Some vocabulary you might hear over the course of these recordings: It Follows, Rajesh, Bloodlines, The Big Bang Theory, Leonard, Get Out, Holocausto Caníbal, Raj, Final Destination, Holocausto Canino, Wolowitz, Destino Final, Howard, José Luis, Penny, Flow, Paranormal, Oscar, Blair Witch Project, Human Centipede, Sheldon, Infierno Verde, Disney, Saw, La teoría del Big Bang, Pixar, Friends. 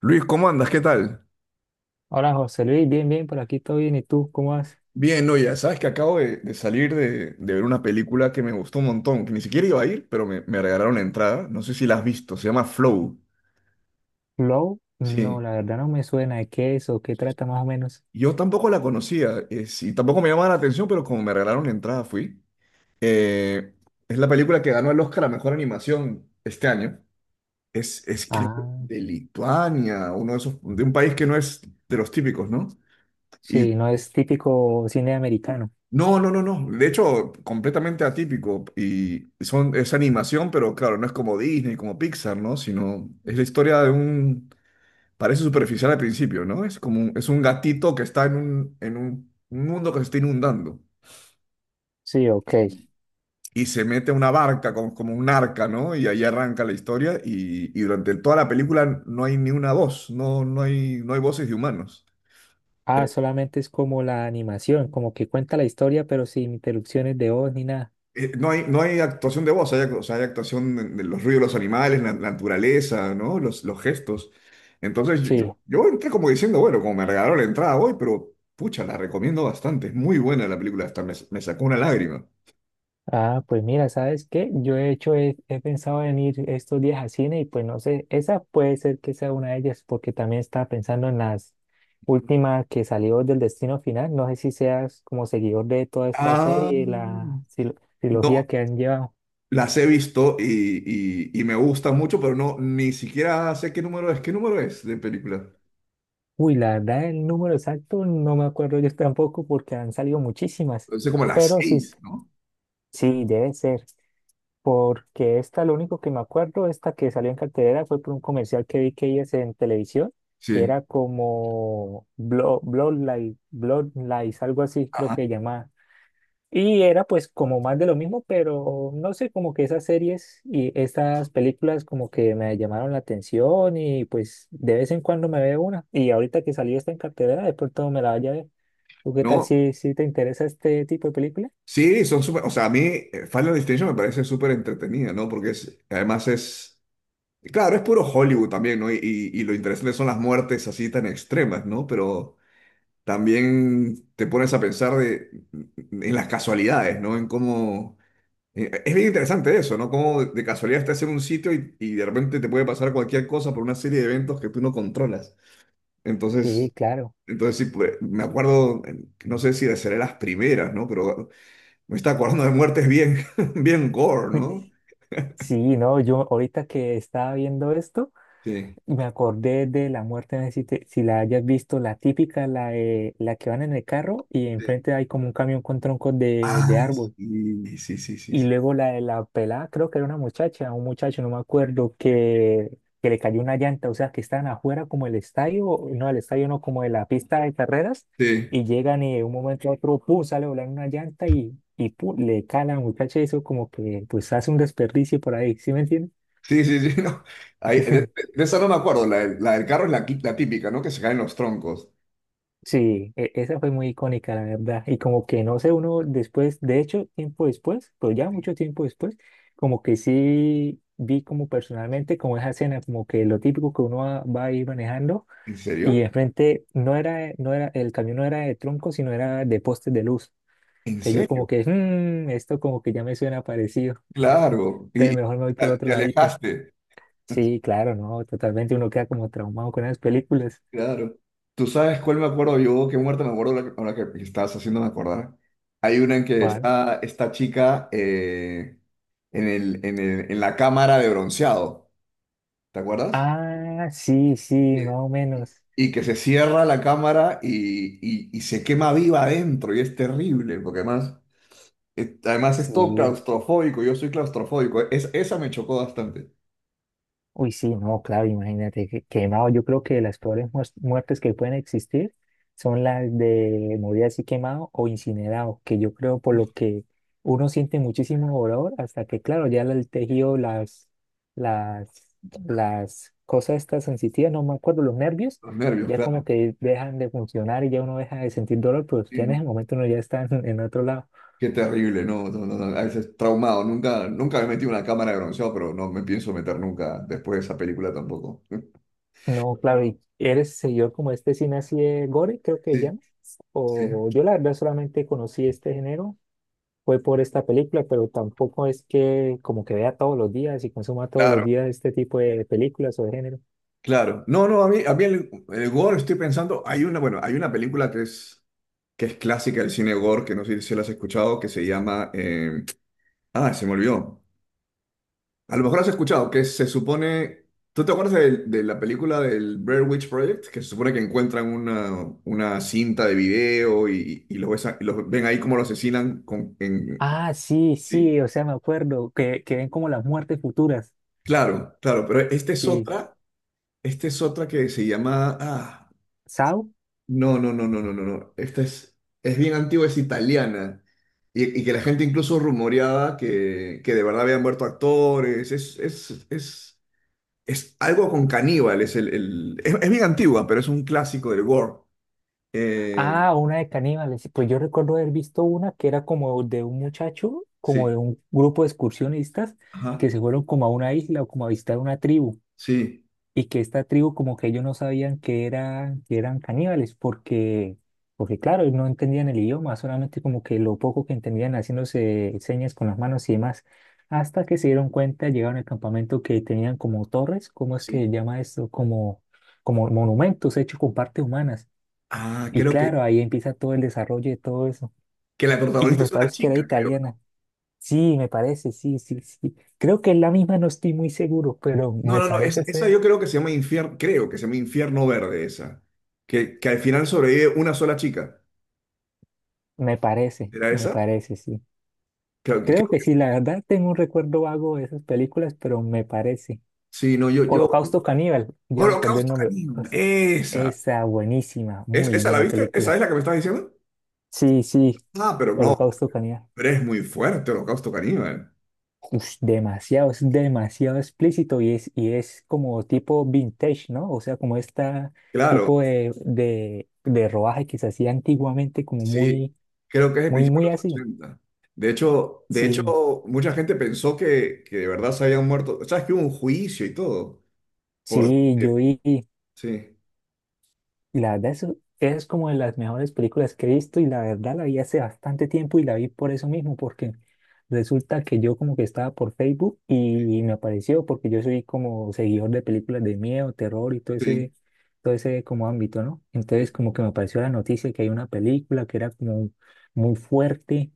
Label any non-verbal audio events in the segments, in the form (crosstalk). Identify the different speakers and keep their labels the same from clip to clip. Speaker 1: Luis, ¿cómo andas? ¿Qué tal?
Speaker 2: Hola José Luis, bien, bien, por aquí todo bien. ¿Y tú cómo vas?
Speaker 1: Bien, no, ya sabes que acabo de salir de ver una película que me gustó un montón, que ni siquiera iba a ir, pero me regalaron la entrada. No sé si la has visto, se llama Flow.
Speaker 2: ¿Flow? No,
Speaker 1: Sí,
Speaker 2: la verdad no me suena. ¿De qué es o qué trata más o menos?
Speaker 1: yo tampoco la conocía, sí, tampoco me llamaba la atención, pero como me regalaron la entrada fui. Eh, es la película que ganó el Oscar a Mejor Animación este año. Es creo que
Speaker 2: Ah,
Speaker 1: de Lituania, uno de esos, de un país que no es de los típicos, ¿no? Y
Speaker 2: sí, no es típico cine americano.
Speaker 1: No, no, no, no. De hecho, completamente atípico. Y es animación, pero claro, no es como Disney, como Pixar, ¿no? Sino es la historia de un. Parece superficial al principio, ¿no? Es un gatito que está en un mundo que se está inundando.
Speaker 2: Sí, ok.
Speaker 1: Y, y se mete a una barca, como un arca, ¿no? Y ahí arranca la historia. Y durante toda la película no hay ni una voz, no hay voces de humanos.
Speaker 2: Ah, solamente es como la animación, como que cuenta la historia, pero sin interrupciones de voz ni nada.
Speaker 1: No hay actuación de voz, o sea, hay actuación de los ruidos de los animales, la naturaleza, ¿no? Los gestos. Entonces yo,
Speaker 2: Sí,
Speaker 1: yo- yo entré como diciendo, bueno, como me regalaron la entrada hoy, pero pucha, la recomiendo bastante. Es muy buena la película, hasta me sacó una lágrima.
Speaker 2: ah, pues mira, ¿sabes qué? Yo he pensado en ir estos días a cine y pues no sé, esa puede ser que sea una de ellas porque también estaba pensando en las últimas que salió del Destino Final. No sé si seas como seguidor de toda esta
Speaker 1: Ah,
Speaker 2: serie, la
Speaker 1: no,
Speaker 2: trilogía que han llevado.
Speaker 1: las he visto y, y me gusta mucho, pero no, ni siquiera sé qué número es. ¿Qué número es de película?
Speaker 2: Uy, la verdad, el número exacto no me acuerdo yo tampoco porque han salido muchísimas,
Speaker 1: Sé como las
Speaker 2: pero sí,
Speaker 1: seis, ¿no?
Speaker 2: sí, debe ser. Porque esta, lo único que me acuerdo, esta que salió en cartelera fue por un comercial que vi que ellas en televisión, que
Speaker 1: Sí.
Speaker 2: era como Bloodline, Bloodlines, algo así creo
Speaker 1: Ajá.
Speaker 2: que llamaba. Y era pues como más de lo mismo, pero no sé, como que esas series y estas películas como que me llamaron la atención y pues de vez en cuando me veo una. Y ahorita que salió esta en cartelera, de pronto me la vaya a ver. ¿Tú qué tal
Speaker 1: No,
Speaker 2: si, si te interesa este tipo de película?
Speaker 1: sí, son súper, o sea, a mí Final Destination me parece súper entretenida, ¿no? Porque además, claro, es puro Hollywood también, ¿no? Y lo interesante son las muertes así tan extremas, ¿no? Pero también te pones a pensar en las casualidades, ¿no? En cómo, es bien interesante eso, ¿no? Cómo de casualidad estás en un sitio y de repente te puede pasar cualquier cosa por una serie de eventos que tú no controlas.
Speaker 2: Sí,
Speaker 1: Entonces...
Speaker 2: claro.
Speaker 1: Entonces, sí, pues, me acuerdo, no sé si de ser las primeras, ¿no? Pero me está acordando de muertes bien, (laughs) bien gore,
Speaker 2: (laughs)
Speaker 1: ¿no?
Speaker 2: Sí, no, yo ahorita que estaba viendo esto,
Speaker 1: Sí.
Speaker 2: me acordé de la muerte, no sé si, si la hayas visto, la típica, la que van en el carro y
Speaker 1: Sí.
Speaker 2: enfrente hay como un camión con troncos de
Speaker 1: Ah,
Speaker 2: árbol.
Speaker 1: sí, sí, sí, sí,
Speaker 2: Y
Speaker 1: sí.
Speaker 2: luego la de la pelada, creo que era una muchacha, un muchacho, no me acuerdo, que le cayó una llanta, o sea, que estaban afuera como el estadio no, como de la pista de carreras,
Speaker 1: Sí,
Speaker 2: y llegan y de un momento a otro, pum, sale volando una llanta y pum, le cala a la muchacha, y eso como que pues hace un desperdicio por ahí, ¿sí me entiendes?
Speaker 1: sí, sí, sí, (laughs) no. Ahí, de, de-
Speaker 2: (laughs)
Speaker 1: de esa no me acuerdo. La del carro es la típica, ¿no? Que se caen los troncos.
Speaker 2: Sí, esa fue muy icónica, la verdad. Y como que no sé, uno después, de hecho, tiempo después, pues ya mucho tiempo después, como que sí vi como personalmente como esa escena, como que lo típico que uno va, va a ir manejando
Speaker 1: ¿En
Speaker 2: y
Speaker 1: serio?
Speaker 2: enfrente no era, no era, el camión no era de troncos, sino era de postes de luz.
Speaker 1: ¿En
Speaker 2: Entonces yo como
Speaker 1: serio?
Speaker 2: que, "Mm, esto como que ya me suena parecido". (laughs)
Speaker 1: Claro. Y,
Speaker 2: Entonces
Speaker 1: y
Speaker 2: mejor me voy por
Speaker 1: te
Speaker 2: otro
Speaker 1: te
Speaker 2: ladito.
Speaker 1: alejaste. (laughs)
Speaker 2: Sí, claro, no, totalmente uno queda como traumado con esas películas.
Speaker 1: Claro. ¿Tú sabes cuál me acuerdo yo? ¿Qué muerte me acuerdo ahora que estás haciéndome acordar? Hay una en que
Speaker 2: Juan.
Speaker 1: está esta chica en la cámara de bronceado. ¿Te acuerdas?
Speaker 2: Ah, sí, sí,
Speaker 1: Eh,
Speaker 2: más o
Speaker 1: Y
Speaker 2: menos.
Speaker 1: y que se cierra la cámara y se quema viva adentro y es terrible, porque además es todo
Speaker 2: Sí,
Speaker 1: claustrofóbico, yo soy claustrofóbico, esa me chocó bastante,
Speaker 2: uy, sí, no, claro, imagínate, quemado. Yo creo que las peores muertes que pueden existir son las de morir así quemado o incinerado, que yo creo por lo que uno siente muchísimo dolor hasta que, claro, ya el tejido, las, las cosas estas sensitivas, no me acuerdo, los nervios,
Speaker 1: los nervios,
Speaker 2: ya como
Speaker 1: claro.
Speaker 2: que dejan de funcionar y ya uno deja de sentir dolor, pero
Speaker 1: Sí,
Speaker 2: ya en ese momento uno ya está en otro lado.
Speaker 1: qué terrible, no, no, no, no, a veces traumado, nunca, nunca me metí en una cámara de bronceado, pero no me pienso meter nunca después de esa película tampoco. (laughs)
Speaker 2: No, claro, ¿y eres seguidor como este cine así de gore, creo que
Speaker 1: Sí,
Speaker 2: llama?
Speaker 1: sí,
Speaker 2: O yo la verdad solamente conocí este género, fue por esta película, pero tampoco es que como que vea todos los días y consuma todos los
Speaker 1: claro,
Speaker 2: días este tipo de películas o de género.
Speaker 1: claro. No, no, a mí el gore estoy pensando, hay una, bueno, hay una película que es clásica del cine gore, que no sé si la has escuchado, que se llama. Ah, se me olvidó. A lo mejor la has escuchado, que se supone. ¿Tú te acuerdas de la película del Blair Witch Project? Que se supone que encuentran una cinta de video y los ven ahí como lo asesinan.
Speaker 2: Ah, sí,
Speaker 1: ¿Sí?
Speaker 2: sí, o sea, me acuerdo, que ven como las muertes futuras,
Speaker 1: Claro, claro, pero esta es
Speaker 2: sí.
Speaker 1: otra, esta es otra que se llama. Ah,
Speaker 2: ¿Sao?
Speaker 1: no, no, no, no, no, no, no. Esta es bien antigua, es italiana. Y que la gente incluso rumoreaba que de verdad habían muerto actores. Es algo con caníbal. Es bien antigua, pero es un clásico del gore. Eh,
Speaker 2: Ah, una de caníbales. Pues yo recuerdo haber visto una que era como de un muchacho, como de
Speaker 1: sí,
Speaker 2: un grupo de excursionistas
Speaker 1: ajá,
Speaker 2: que se fueron como a una isla o como a visitar una tribu.
Speaker 1: sí,
Speaker 2: Y que esta tribu como que ellos no sabían que eran caníbales, porque, porque claro, no entendían el idioma, solamente como que lo poco que entendían haciéndose señas con las manos y demás, hasta que se dieron cuenta, llegaron al campamento que tenían como torres, ¿cómo es que se
Speaker 1: sí.
Speaker 2: llama esto? Como, como monumentos hechos con partes humanas.
Speaker 1: Ah,
Speaker 2: Y
Speaker 1: creo que,
Speaker 2: claro, ahí empieza todo el desarrollo de todo eso.
Speaker 1: que la
Speaker 2: Y
Speaker 1: protagonista
Speaker 2: me
Speaker 1: es una
Speaker 2: parece que era
Speaker 1: chica, creo.
Speaker 2: italiana. Sí, me parece, sí, sí, sí. Creo que es la misma, no estoy muy seguro, pero
Speaker 1: No,
Speaker 2: me
Speaker 1: no, no, no, esa,
Speaker 2: parece
Speaker 1: esa
Speaker 2: ser.
Speaker 1: yo creo que se llama Infierno, creo que se llama Infierno Verde, esa. Que al final sobrevive una sola chica. ¿Era
Speaker 2: Me
Speaker 1: esa?
Speaker 2: parece, sí.
Speaker 1: Creo,
Speaker 2: Creo
Speaker 1: creo
Speaker 2: que
Speaker 1: que es.
Speaker 2: sí, la verdad tengo un recuerdo vago de esas películas, pero me parece.
Speaker 1: Sí, no, yo.
Speaker 2: Holocausto Caníbal, ya me acordé el
Speaker 1: Holocausto
Speaker 2: nombre.
Speaker 1: Canino.
Speaker 2: Pues,
Speaker 1: Esa.
Speaker 2: esa buenísima,
Speaker 1: ¿Es,
Speaker 2: muy
Speaker 1: esa la
Speaker 2: buena
Speaker 1: viste? ¿Esa
Speaker 2: película.
Speaker 1: es la que me estás diciendo?
Speaker 2: Sí, sí,
Speaker 1: Ah, pero no,
Speaker 2: Holocausto Caníbal.
Speaker 1: pero es muy fuerte Holocausto Caníbal.
Speaker 2: Ush, demasiado, es demasiado explícito y es como tipo vintage, ¿no? O sea, como esta
Speaker 1: Claro,
Speaker 2: tipo de rodaje que se hacía antiguamente, como
Speaker 1: sí.
Speaker 2: muy,
Speaker 1: Creo que es el
Speaker 2: muy,
Speaker 1: principio de
Speaker 2: muy
Speaker 1: los
Speaker 2: así.
Speaker 1: 80. De
Speaker 2: Sí,
Speaker 1: hecho, mucha gente pensó que de verdad se habían muerto. ¿Sabes que hubo un juicio y todo?
Speaker 2: sí, yo
Speaker 1: Porque,
Speaker 2: vi.
Speaker 1: sí,
Speaker 2: Y la verdad, eso es como de las mejores películas que he visto y la verdad la vi hace bastante tiempo y la vi por eso mismo, porque resulta que yo como que estaba por Facebook y me apareció porque yo soy como seguidor de películas de miedo, terror y
Speaker 1: sí,
Speaker 2: todo ese como ámbito, ¿no? Entonces
Speaker 1: sí,
Speaker 2: como que me apareció la noticia que hay una película que era como muy fuerte,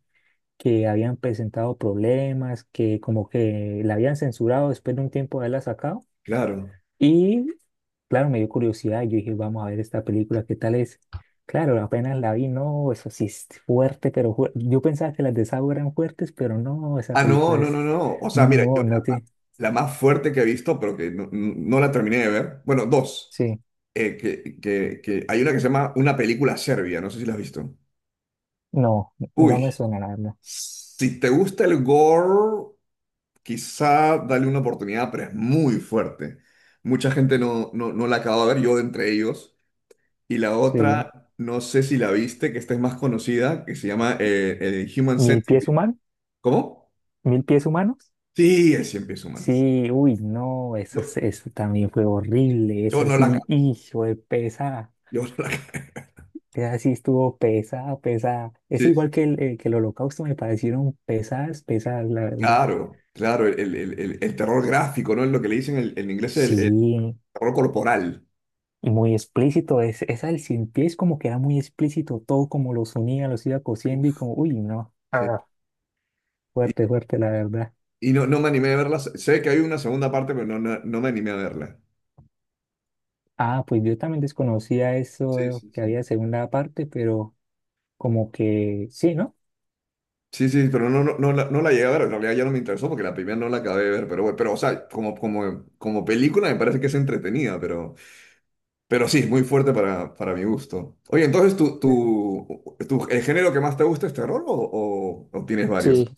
Speaker 2: que habían presentado problemas, que como que la habían censurado después de un tiempo de haberla sacado
Speaker 1: claro.
Speaker 2: y claro, me dio curiosidad y yo dije, vamos a ver esta película, ¿qué tal es? Claro, apenas la vi, no, eso sí es fuerte, pero yo pensaba que las de Saw eran fuertes, pero no, esa
Speaker 1: Ah, no,
Speaker 2: película
Speaker 1: no, no,
Speaker 2: es,
Speaker 1: no. O sea, mira, yo
Speaker 2: no, no te,
Speaker 1: la más fuerte que he visto, pero que no la terminé de ver. Bueno, dos.
Speaker 2: sí,
Speaker 1: Que hay una que se llama Una película serbia, no sé si la has visto.
Speaker 2: no, no me
Speaker 1: Uy,
Speaker 2: suena la verdad.
Speaker 1: si te gusta el gore, quizá dale una oportunidad, pero es muy fuerte. Mucha gente no la acaba de ver, yo entre ellos. Y la
Speaker 2: Sí,
Speaker 1: otra, no sé si la viste, que esta es más conocida, que se llama el Human
Speaker 2: mil pies
Speaker 1: Centipede.
Speaker 2: humanos,
Speaker 1: ¿Cómo?
Speaker 2: mil pies humanos.
Speaker 1: Sí, es cien pies humano.
Speaker 2: Sí, uy, no, eso,
Speaker 1: Yo,
Speaker 2: eso también fue horrible,
Speaker 1: yo
Speaker 2: eso
Speaker 1: no la
Speaker 2: sí,
Speaker 1: acabo.
Speaker 2: hijo de pesada,
Speaker 1: Yo no la acabé.
Speaker 2: esa sí estuvo pesada, pesada. Es
Speaker 1: (laughs) Sí,
Speaker 2: igual que el holocausto, me parecieron pesadas, pesadas, la verdad.
Speaker 1: claro, claro, el terror gráfico, ¿no? Es lo que le dicen en inglés el
Speaker 2: Sí,
Speaker 1: terror corporal.
Speaker 2: y muy explícito. Es, esa del cien pies como que era muy explícito, todo como los unía, los iba cosiendo y
Speaker 1: Uf.
Speaker 2: como, uy, no,
Speaker 1: Sí.
Speaker 2: ah,
Speaker 1: Y,
Speaker 2: fuerte, fuerte, la verdad.
Speaker 1: y no me animé a verla. Sé que hay una segunda parte, pero no me animé a verla.
Speaker 2: Ah, pues yo también desconocía eso,
Speaker 1: Sí, sí,
Speaker 2: que
Speaker 1: sí.
Speaker 2: había segunda parte, pero como que sí, ¿no?
Speaker 1: Sí, sí, pero no la llegué a ver. En realidad ya no me interesó porque la primera no la acabé de ver. Bueno, pero o sea, como película me parece que es entretenida, pero sí, es muy fuerte para mi gusto. Oye, entonces, tú
Speaker 2: Sí,
Speaker 1: tú tú el género que más te gusta es terror o tienes
Speaker 2: sí,
Speaker 1: varios?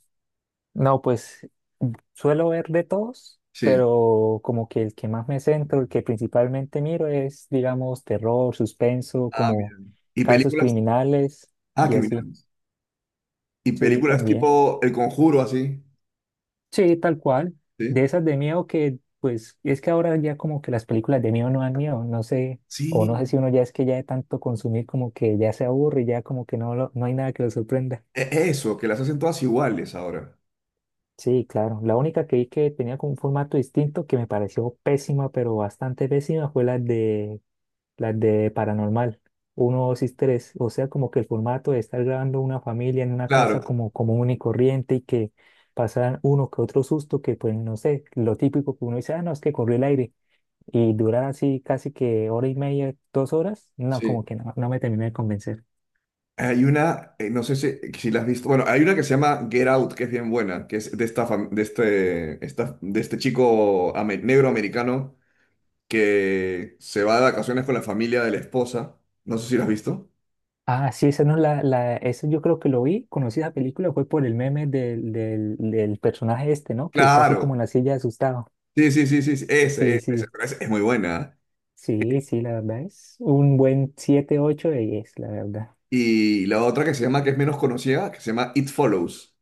Speaker 2: no, pues mm, suelo ver de todos,
Speaker 1: Sí.
Speaker 2: pero como que el que más me centro, el que principalmente miro es, digamos, terror, suspenso,
Speaker 1: Ah, mira.
Speaker 2: como
Speaker 1: ¿Y
Speaker 2: casos
Speaker 1: películas?
Speaker 2: criminales
Speaker 1: Ah,
Speaker 2: y así.
Speaker 1: criminales. Y
Speaker 2: Sí,
Speaker 1: películas
Speaker 2: también.
Speaker 1: tipo El Conjuro, así.
Speaker 2: Sí, tal cual.
Speaker 1: Sí.
Speaker 2: De esas de miedo que, pues, es que ahora ya como que las películas de miedo no dan miedo, no sé, o no sé
Speaker 1: Sí.
Speaker 2: si uno ya es que ya de tanto consumir como que ya se aburre y ya como que no, no hay nada que lo sorprenda.
Speaker 1: Eso, que las hacen todas iguales ahora.
Speaker 2: Sí, claro. La única que vi que tenía como un formato distinto que me pareció pésima, pero bastante pésima, fue la de las de Paranormal, uno 2 y tres. O sea, como que el formato de estar grabando una familia en una casa
Speaker 1: Claro,
Speaker 2: como común y corriente y que pasaran uno que otro susto, que pues no sé, lo típico que uno dice, ah, no, es que corrió el aire. Y durar así casi que hora y media, 2 horas, no, como
Speaker 1: sí.
Speaker 2: que no, no me terminé de convencer.
Speaker 1: Hay una, no sé si la has visto. Bueno, hay una que se llama Get Out, que es bien buena, que es de esta, fam- de este, esta- de este chico negro americano que se va de vacaciones con la familia de la esposa. No sé si la has visto.
Speaker 2: Ah, sí, esa no esa yo creo que lo vi, conocí esa película, fue por el meme del personaje este, ¿no? Que está así como
Speaker 1: Claro.
Speaker 2: en la silla asustado.
Speaker 1: Sí, sí, sí, sí, sí. Ese,
Speaker 2: Sí,
Speaker 1: ese, ese.
Speaker 2: sí.
Speaker 1: Pero ese es muy buena.
Speaker 2: Sí, sí, la verdad es un buen 7, 8 de 10, la verdad.
Speaker 1: Y la otra que se llama, que es menos conocida, que se llama It Follows.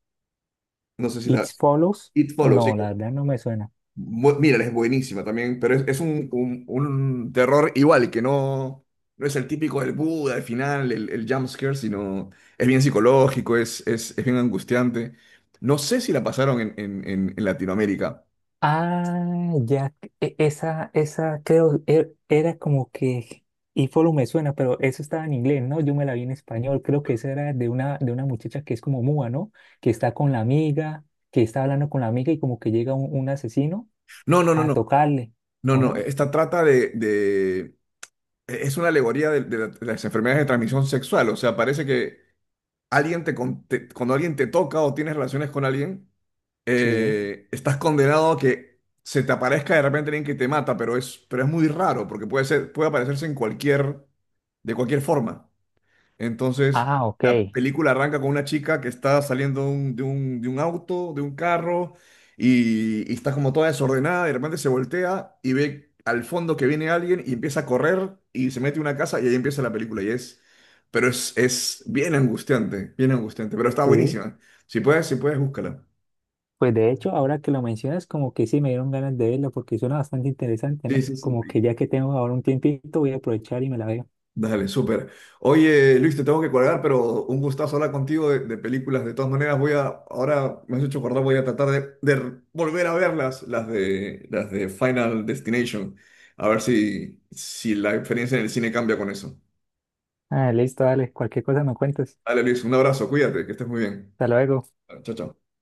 Speaker 1: No sé si
Speaker 2: It
Speaker 1: la...
Speaker 2: Follows,
Speaker 1: It Follows,
Speaker 2: no,
Speaker 1: sí.
Speaker 2: la verdad no me suena.
Speaker 1: Mírala, es buenísima también, pero es un terror igual, que no es el típico del Buda al final, el jump scare, sino es bien psicológico, es bien angustiante. No sé si la pasaron en Latinoamérica.
Speaker 2: Ah, ya, esa, era como que It Follows me suena, pero eso estaba en inglés, ¿no? Yo me la vi en español, creo que esa era de una muchacha que es como muda, ¿no? Que está con la amiga, que está hablando con la amiga y como que llega un asesino
Speaker 1: No, no, no,
Speaker 2: a
Speaker 1: no,
Speaker 2: tocarle,
Speaker 1: no,
Speaker 2: ¿o
Speaker 1: no.
Speaker 2: no?
Speaker 1: Esta trata es una alegoría de las enfermedades de transmisión sexual. O sea, parece que alguien cuando alguien te toca o tienes relaciones con alguien,
Speaker 2: Sí.
Speaker 1: estás condenado a que se te aparezca de repente alguien que te mata, pero es muy raro, porque puede puede aparecerse de cualquier forma. Entonces,
Speaker 2: Ah,
Speaker 1: la
Speaker 2: ok.
Speaker 1: película arranca con una chica que está saliendo de un auto, de un carro, y está como toda desordenada, y de repente se voltea y ve al fondo que viene alguien y empieza a correr y se mete en una casa y ahí empieza la película. Pero es bien angustiante, pero está
Speaker 2: Sí.
Speaker 1: buenísima. Si puedes, si puedes, búscala.
Speaker 2: Pues de hecho, ahora que lo mencionas, como que sí me dieron ganas de verla porque suena bastante interesante,
Speaker 1: Sí,
Speaker 2: ¿no?
Speaker 1: sí, sí.
Speaker 2: Como que ya que tengo ahora un tiempito, voy a aprovechar y me la veo.
Speaker 1: Dale, súper. Oye, Luis, te tengo que colgar, pero un gustazo hablar contigo de películas. De todas maneras, ahora me has hecho acordar, voy a tratar de volver a verlas, las de Final Destination. A ver si la experiencia en el cine cambia con eso.
Speaker 2: Ah, listo, dale, cualquier cosa me cuentas.
Speaker 1: Dale, Luis, un abrazo, cuídate, que estés muy bien.
Speaker 2: Hasta luego.
Speaker 1: Chao, chao.